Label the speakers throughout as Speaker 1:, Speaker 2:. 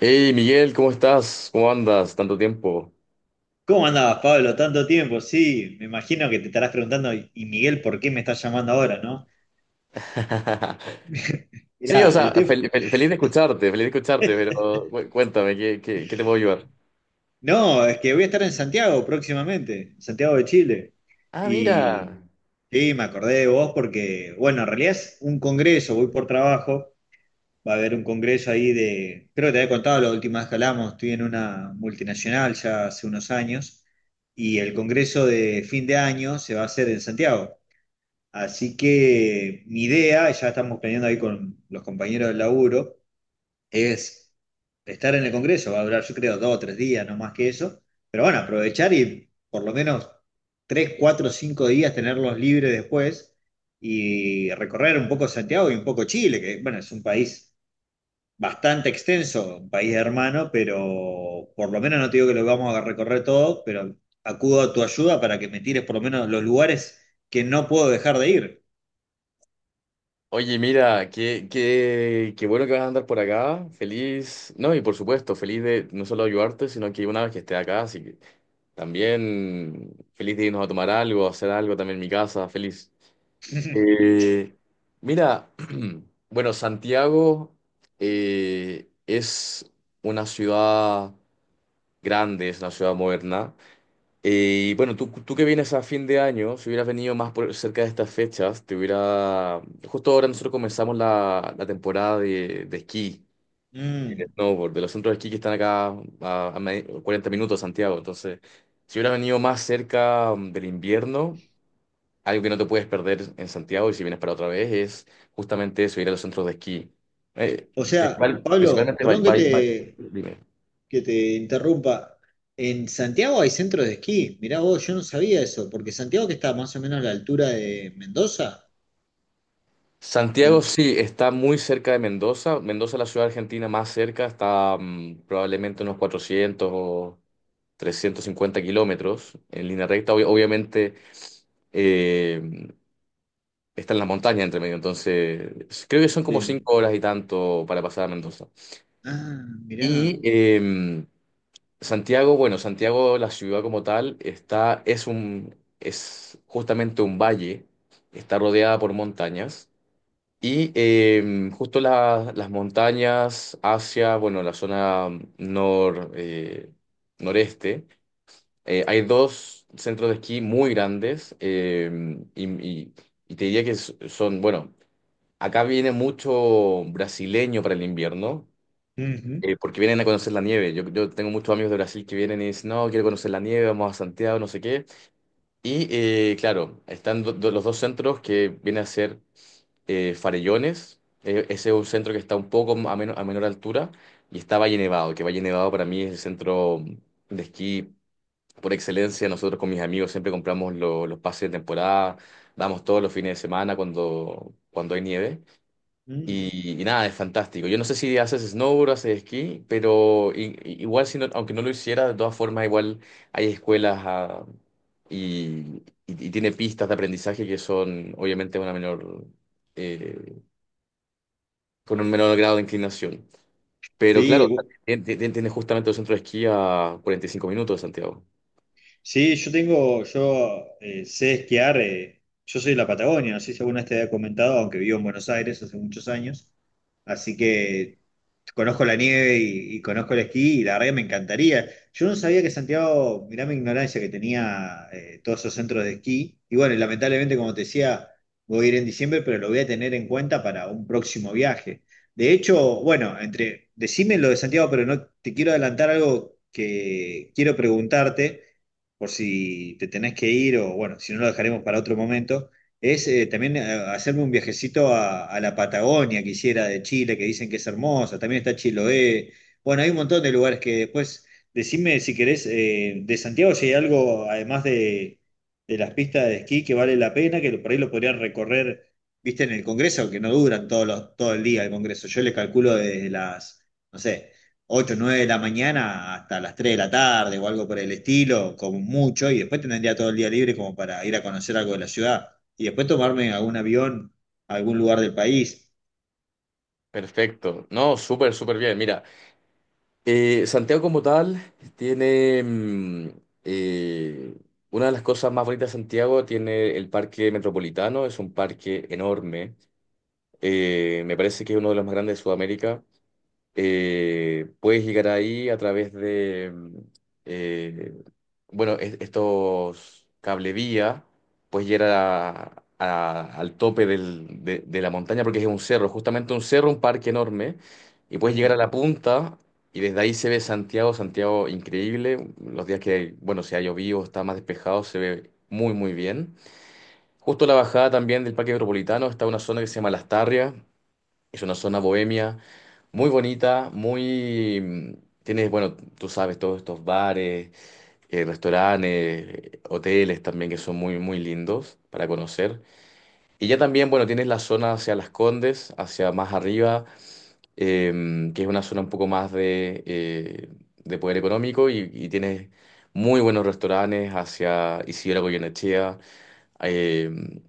Speaker 1: Hey Miguel, ¿cómo estás? ¿Cómo andas? Tanto tiempo.
Speaker 2: ¿Cómo andabas, Pablo? Tanto tiempo, sí. Me imagino que te estarás preguntando, y Miguel, ¿por qué me estás llamando ahora, no?
Speaker 1: Sí, o
Speaker 2: Mirá, el
Speaker 1: sea,
Speaker 2: tema.
Speaker 1: feliz de escucharte, pero cuéntame, ¿ qué te puedo ayudar?
Speaker 2: No, es que voy a estar en Santiago próximamente, en Santiago de Chile.
Speaker 1: Ah,
Speaker 2: Y
Speaker 1: mira.
Speaker 2: sí, me acordé de vos porque, bueno, en realidad es un congreso, voy por trabajo. Va a haber un congreso ahí de. Creo que te había contado la última vez que hablamos, estoy en una multinacional ya hace unos años. Y el congreso de fin de año se va a hacer en Santiago. Así que mi idea, ya estamos planeando ahí con los compañeros del laburo, es estar en el Congreso, va a durar yo creo 2 o 3 días, no más que eso, pero bueno, aprovechar y por lo menos 3, 4, 5 días tenerlos libres después y recorrer un poco Santiago y un poco Chile, que bueno, es un país bastante extenso, un país hermano, pero por lo menos no te digo que lo vamos a recorrer todo, pero acudo a tu ayuda para que me tires por lo menos los lugares que no puedo dejar de ir.
Speaker 1: Oye, mira, qué bueno que vas a andar por acá. Feliz. No, y por supuesto, feliz de no solo ayudarte, sino que una vez que esté acá, así que también feliz de irnos a tomar algo, a hacer algo también en mi casa, feliz. Eh, Mira, bueno, Santiago es una ciudad grande, es una ciudad moderna. Y bueno, tú que vienes a fin de año, si hubieras venido cerca de estas fechas, te hubiera... Justo ahora nosotros comenzamos la temporada de esquí y de
Speaker 2: Mm.
Speaker 1: snowboard, de los centros de esquí que están acá a 40 minutos de Santiago. Entonces, si hubieras venido más cerca del invierno... Algo que no te puedes perder en Santiago y si vienes para otra vez es justamente eso, ir a los centros de esquí. Eh,
Speaker 2: O sea, Pablo,
Speaker 1: Principalmente,
Speaker 2: perdón que te,
Speaker 1: Dime.
Speaker 2: que te interrumpa. En Santiago hay centros de esquí. Mirá vos, yo no sabía eso, porque Santiago que está más o menos a la altura de Mendoza. ¿O
Speaker 1: Santiago
Speaker 2: mo-
Speaker 1: sí está muy cerca de Mendoza. Mendoza es la ciudad argentina más cerca, está probablemente unos 400 o 350 kilómetros en línea recta. Obviamente eh, está en las montañas entre medio, entonces creo que son como
Speaker 2: Sí.
Speaker 1: cinco horas y tanto para pasar a Mendoza.
Speaker 2: Ah, mirá.
Speaker 1: Y Santiago, bueno, Santiago, la ciudad como tal, está, es justamente un valle, está rodeada por montañas y justo las montañas hacia, bueno, la zona nor, noreste, hay dos centros de esquí muy grandes, y, y- y te diría que son, bueno, acá viene mucho brasileño para el invierno,
Speaker 2: Ujú.
Speaker 1: porque vienen a conocer la nieve. Yo tengo muchos amigos de Brasil que vienen y dicen, no, quiero conocer la nieve, vamos a Santiago, no sé qué. Y claro, están los dos centros que vienen a ser, Farellones. Ese es un centro que está un poco a, a menor altura. Y está Valle Nevado, que Valle Nevado para mí es el centro de esquí por excelencia. Nosotros con mis amigos siempre compramos los pases de temporada, damos todos los fines de semana cuando, cuando hay nieve.
Speaker 2: Mm.
Speaker 1: Y nada, es fantástico. Yo no sé si haces snowboard, haces esquí, pero igual, aunque no lo hiciera, de todas formas, igual hay escuelas, y tiene pistas de aprendizaje que son, obviamente, una menor, eh, con un menor grado de inclinación. Pero
Speaker 2: Sí,
Speaker 1: claro, tienes justamente el centro de esquí a 45 minutos de Santiago.
Speaker 2: sí, yo sé esquiar, yo soy de la Patagonia, no sé si alguna vez te había comentado, aunque vivo en Buenos Aires hace muchos años, así que conozco la nieve y conozco el esquí y la verdad que me encantaría. Yo no sabía que Santiago, mirá mi ignorancia, que tenía todos esos centros de esquí, y bueno, y lamentablemente como te decía, voy a ir en diciembre, pero lo voy a tener en cuenta para un próximo viaje. De hecho, bueno, entre, decime lo de Santiago, pero no te quiero adelantar algo que quiero preguntarte por si te tenés que ir o bueno, si no lo dejaremos para otro momento, es también hacerme un viajecito a, la Patagonia, quisiera, de Chile, que dicen que es hermosa, también está Chiloé, bueno, hay un montón de lugares que después, decime si querés, de Santiago si hay algo, además de las pistas de esquí, que vale la pena, que por ahí lo podrían recorrer, viste, en el Congreso, que no duran todos los, todo el día el Congreso, yo le calculo desde las, no sé 8 9 de la mañana hasta las 3 de la tarde o algo por el estilo, como mucho, y después tendría todo el día libre como para ir a conocer algo de la ciudad y después tomarme algún avión a algún lugar del país.
Speaker 1: Perfecto. No, súper, súper bien. Mira, Santiago como tal tiene eh, una de las cosas más bonitas de Santiago, tiene el Parque Metropolitano, es un parque enorme. Me parece que es uno de los más grandes de Sudamérica. Puedes llegar ahí a través de, eh, bueno, estos cablevía, puedes llegar al tope de la montaña, porque es un cerro, justamente un cerro, un parque enorme, y puedes llegar a
Speaker 2: Mm,
Speaker 1: la punta y desde ahí se ve Santiago, Santiago increíble, los días que, bueno, si ha llovido, o está más despejado, se ve muy, muy bien. Justo a la bajada también del Parque Metropolitano está una zona que se llama Las Tarrias, es una zona bohemia muy bonita, muy. Tienes, bueno, tú sabes, todos estos bares, restaurantes, hoteles también que son muy, muy lindos para conocer. Y ya también, bueno, tienes la zona hacia Las Condes, hacia más arriba, que es una zona un poco más de poder económico, y tienes muy buenos restaurantes hacia Isidora Goyenechea. em,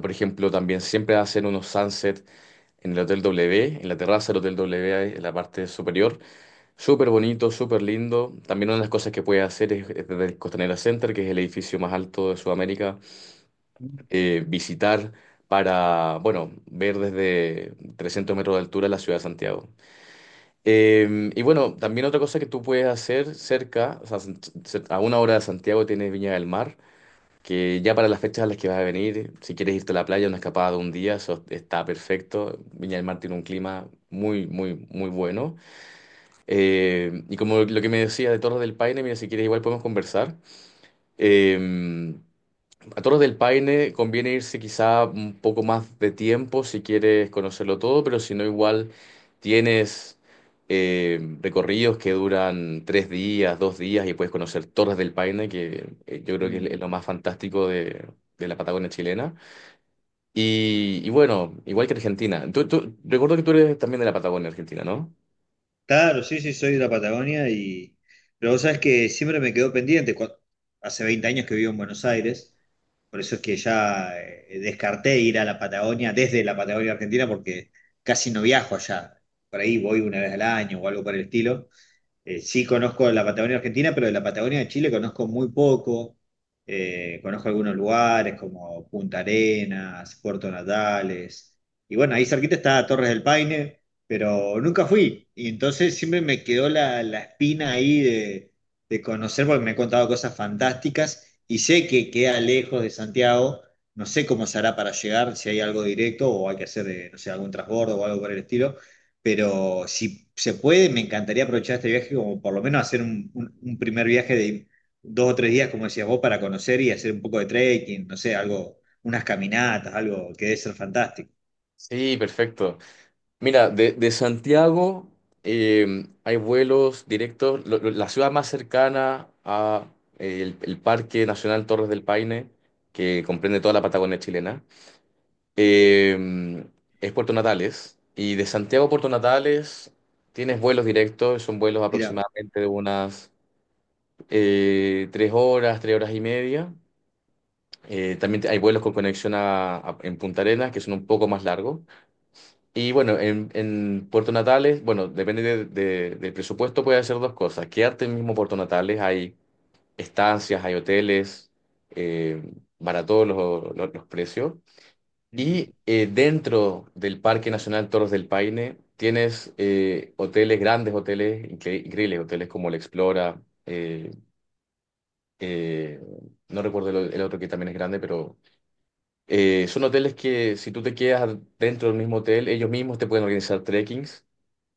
Speaker 1: por ejemplo, también siempre hacen unos sunsets en el Hotel W, en la terraza del Hotel W, ahí en la parte superior. Súper bonito, súper lindo. También una de las cosas que puedes hacer es desde el Costanera Center, que es el edificio más alto de Sudamérica,
Speaker 2: mm,
Speaker 1: visitar para, bueno, ver desde 300 metros de altura la ciudad de Santiago. Y bueno, también otra cosa que tú puedes hacer cerca, o sea, a una hora de Santiago tienes Viña del Mar, que ya para las fechas a las que vas a venir, si quieres irte a la playa, una escapada de un día, eso está perfecto. Viña del Mar tiene un clima muy, muy, muy bueno. Y como lo que me decía de Torres del Paine, mira, si quieres igual podemos conversar. Eh, a Torres del Paine conviene irse quizá un poco más de tiempo si quieres conocerlo todo, pero si no, igual tienes recorridos que duran tres días, dos días, y puedes conocer Torres del Paine, que yo creo que
Speaker 2: mm.
Speaker 1: es lo más fantástico de la Patagonia chilena. Y bueno, igual que Argentina. Recuerdo que tú eres también de la Patagonia Argentina, ¿no?
Speaker 2: Claro, sí, sí, soy de la Patagonia y... Pero vos sabés que siempre me quedó pendiente. Hace 20 años que vivo en Buenos Aires, por eso es que ya descarté ir a la Patagonia desde la Patagonia Argentina porque casi no viajo allá. Por ahí voy una vez al año o algo por el estilo. Sí conozco la Patagonia Argentina, pero de la Patagonia de Chile conozco muy poco. Conozco algunos lugares como Punta Arenas, Puerto Natales. Y bueno, ahí cerquita está Torres del Paine, pero nunca fui. Y entonces siempre me quedó la espina ahí de conocer porque me han contado cosas fantásticas y sé que queda lejos de Santiago. No sé cómo se hará para llegar, si hay algo directo o hay que hacer, no sé, algún transbordo o algo por el estilo, pero si se puede, me encantaría aprovechar este viaje como por lo menos hacer un, un primer viaje de 2 o 3 días, como decías vos, para conocer y hacer un poco de trekking, no sé, algo, unas caminatas, algo que debe ser fantástico.
Speaker 1: Sí, perfecto. Mira, de Santiago hay vuelos directos. La ciudad más cercana a el Parque Nacional Torres del Paine, que comprende toda la Patagonia chilena, em, es Puerto Natales. Y de Santiago a Puerto Natales tienes vuelos directos, son vuelos
Speaker 2: Mira.
Speaker 1: aproximadamente de unas tres horas y media. Hay vuelos con conexión en Punta Arenas, que son un poco más largos. Y bueno, en Puerto Natales, bueno, depende del presupuesto, puede hacer dos cosas. Quedarte en mismo Puerto Natales, hay estancias, hay hoteles, eh, baratos los precios.
Speaker 2: Ujú,
Speaker 1: Y dentro del Parque Nacional Torres del Paine tienes hoteles, grandes hoteles, increíbles hoteles como el Explora, eh, no recuerdo el otro que también es grande, pero son hoteles que si tú te quedas dentro del mismo hotel, ellos mismos te pueden organizar trekkings,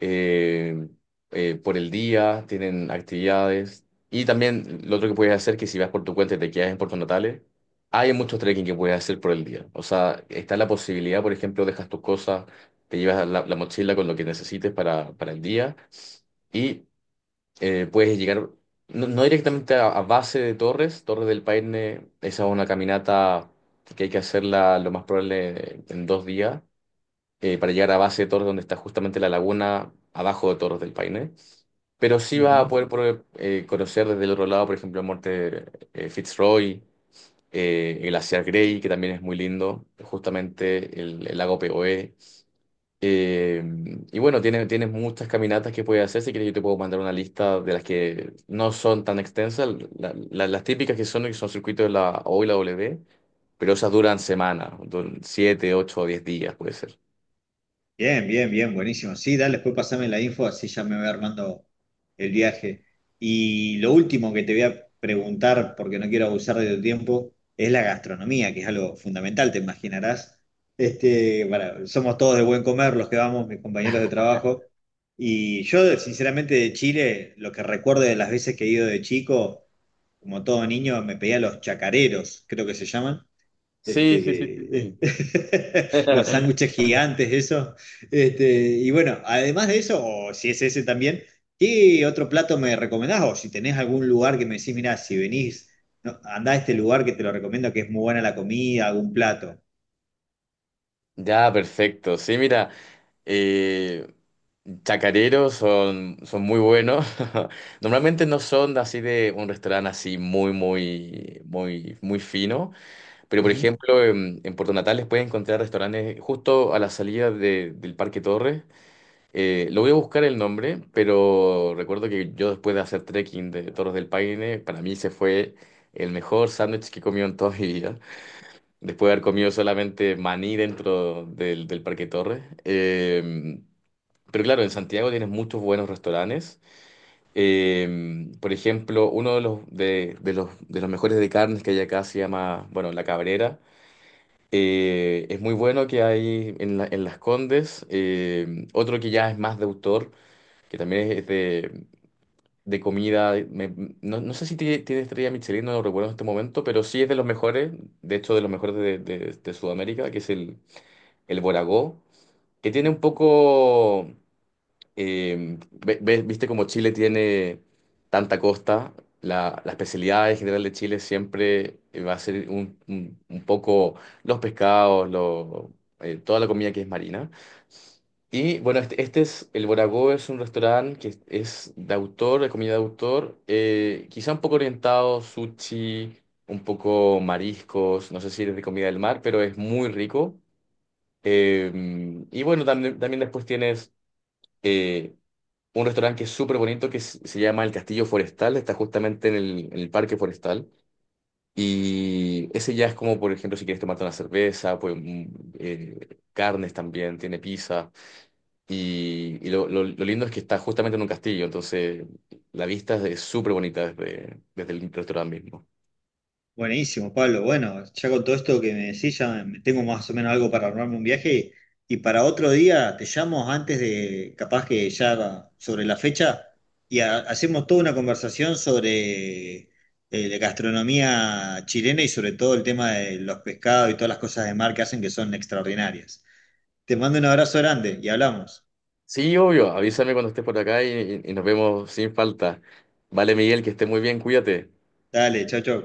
Speaker 1: eh, por el día, tienen actividades. Y también lo otro que puedes hacer, que si vas por tu cuenta y te quedas en Puerto Natales, hay muchos trekking que puedes hacer por el día. O sea, está la posibilidad, por ejemplo, dejas tus cosas, te llevas la mochila con lo que necesites para el día, y puedes llegar, no, no directamente a base de Torres, Torres del Paine, esa es una caminata que hay que hacerla lo más probable en dos días, para llegar a base de Torres, donde está justamente la laguna abajo de Torres del Paine. Pero sí
Speaker 2: ujú.
Speaker 1: vas a poder conocer desde el otro lado, por ejemplo, el monte Fitzroy, el glaciar Grey, que también es muy lindo, justamente el lago Poe. Eh, Tienes muchas caminatas que puedes hacer. Si quieres, yo te puedo mandar una lista de las que no son tan extensas. Las típicas que son circuitos de la O y la W, pero esas duran semanas, duran 7, 8 o 10 días, puede ser.
Speaker 2: Bien, bien, bien, buenísimo. Sí, dale, después pasame la info, así ya me voy armando el viaje. Y lo último que te voy a preguntar, porque no quiero abusar de tu tiempo, es la gastronomía, que es algo fundamental, te imaginarás. Este, somos todos de buen comer los que vamos, mis compañeros de trabajo. Y yo, sinceramente, de Chile, lo que recuerdo de las veces que he ido de chico, como todo niño, me pedía los chacareros, creo que se llaman
Speaker 1: Sí, sí, sí, sí,
Speaker 2: este,
Speaker 1: sí.
Speaker 2: los sándwiches gigantes, eso. Este, y bueno, además de eso, o si es ese también, ¿qué otro plato me recomendás? O si tenés algún lugar que me decís, mira, si venís, no, andá a este lugar que te lo recomiendo, que es muy buena la comida, algún plato.
Speaker 1: Ya, perfecto. Sí, mira, eh, chacareros son, son muy buenos. Normalmente no son así de un restaurante así muy, muy, muy, muy fino. Pero, por ejemplo, en Puerto Natales puedes encontrar restaurantes justo a la salida del Parque Torres. Lo voy a buscar el nombre, pero recuerdo que yo después de hacer trekking de Torres del Paine, para mí se fue el mejor sándwich que he comido en toda mi vida. Después de haber comido solamente maní dentro del Parque Torres. Pero claro, en Santiago tienes muchos buenos restaurantes. Por ejemplo, uno de de los mejores de carnes que hay acá se llama, bueno, La Cabrera. Es muy bueno, que hay en, en Las Condes. Eh, otro que ya es más de autor, que también es de comida. No, no sé si tiene, tiene estrella Michelin, no lo recuerdo en este momento, pero sí es de los mejores, de hecho, de los mejores de Sudamérica, que es el Boragó, que tiene un poco. Viste como Chile tiene tanta costa, la especialidad en general de Chile siempre va a ser un poco los pescados, toda la comida que es marina. Y bueno, este es, el Boragó es un restaurante que es de autor, de comida de autor, quizá un poco orientado, sushi, un poco mariscos, no sé si eres de comida del mar, pero es muy rico. Eh, y bueno, también, también después tienes... eh, un restaurante que es súper bonito que se llama El Castillo Forestal, está justamente en el Parque Forestal. Y ese ya es como, por ejemplo, si quieres tomarte una cerveza, pues carnes también, tiene pizza. Y lo lindo es que está justamente en un castillo, entonces la vista es súper bonita desde, desde el restaurante mismo.
Speaker 2: Buenísimo, Pablo. Bueno, ya con todo esto que me decís, ya tengo más o menos algo para armarme un viaje. Y para otro día te llamo antes de, capaz que ya sobre la fecha, y hacemos toda una conversación sobre la gastronomía chilena y sobre todo el tema de los pescados y todas las cosas de mar que hacen que son extraordinarias. Te mando un abrazo grande y hablamos.
Speaker 1: Sí, obvio, avísame cuando estés por acá y, y nos vemos sin falta. Vale, Miguel, que estés muy bien, cuídate.
Speaker 2: Dale, chau, chau.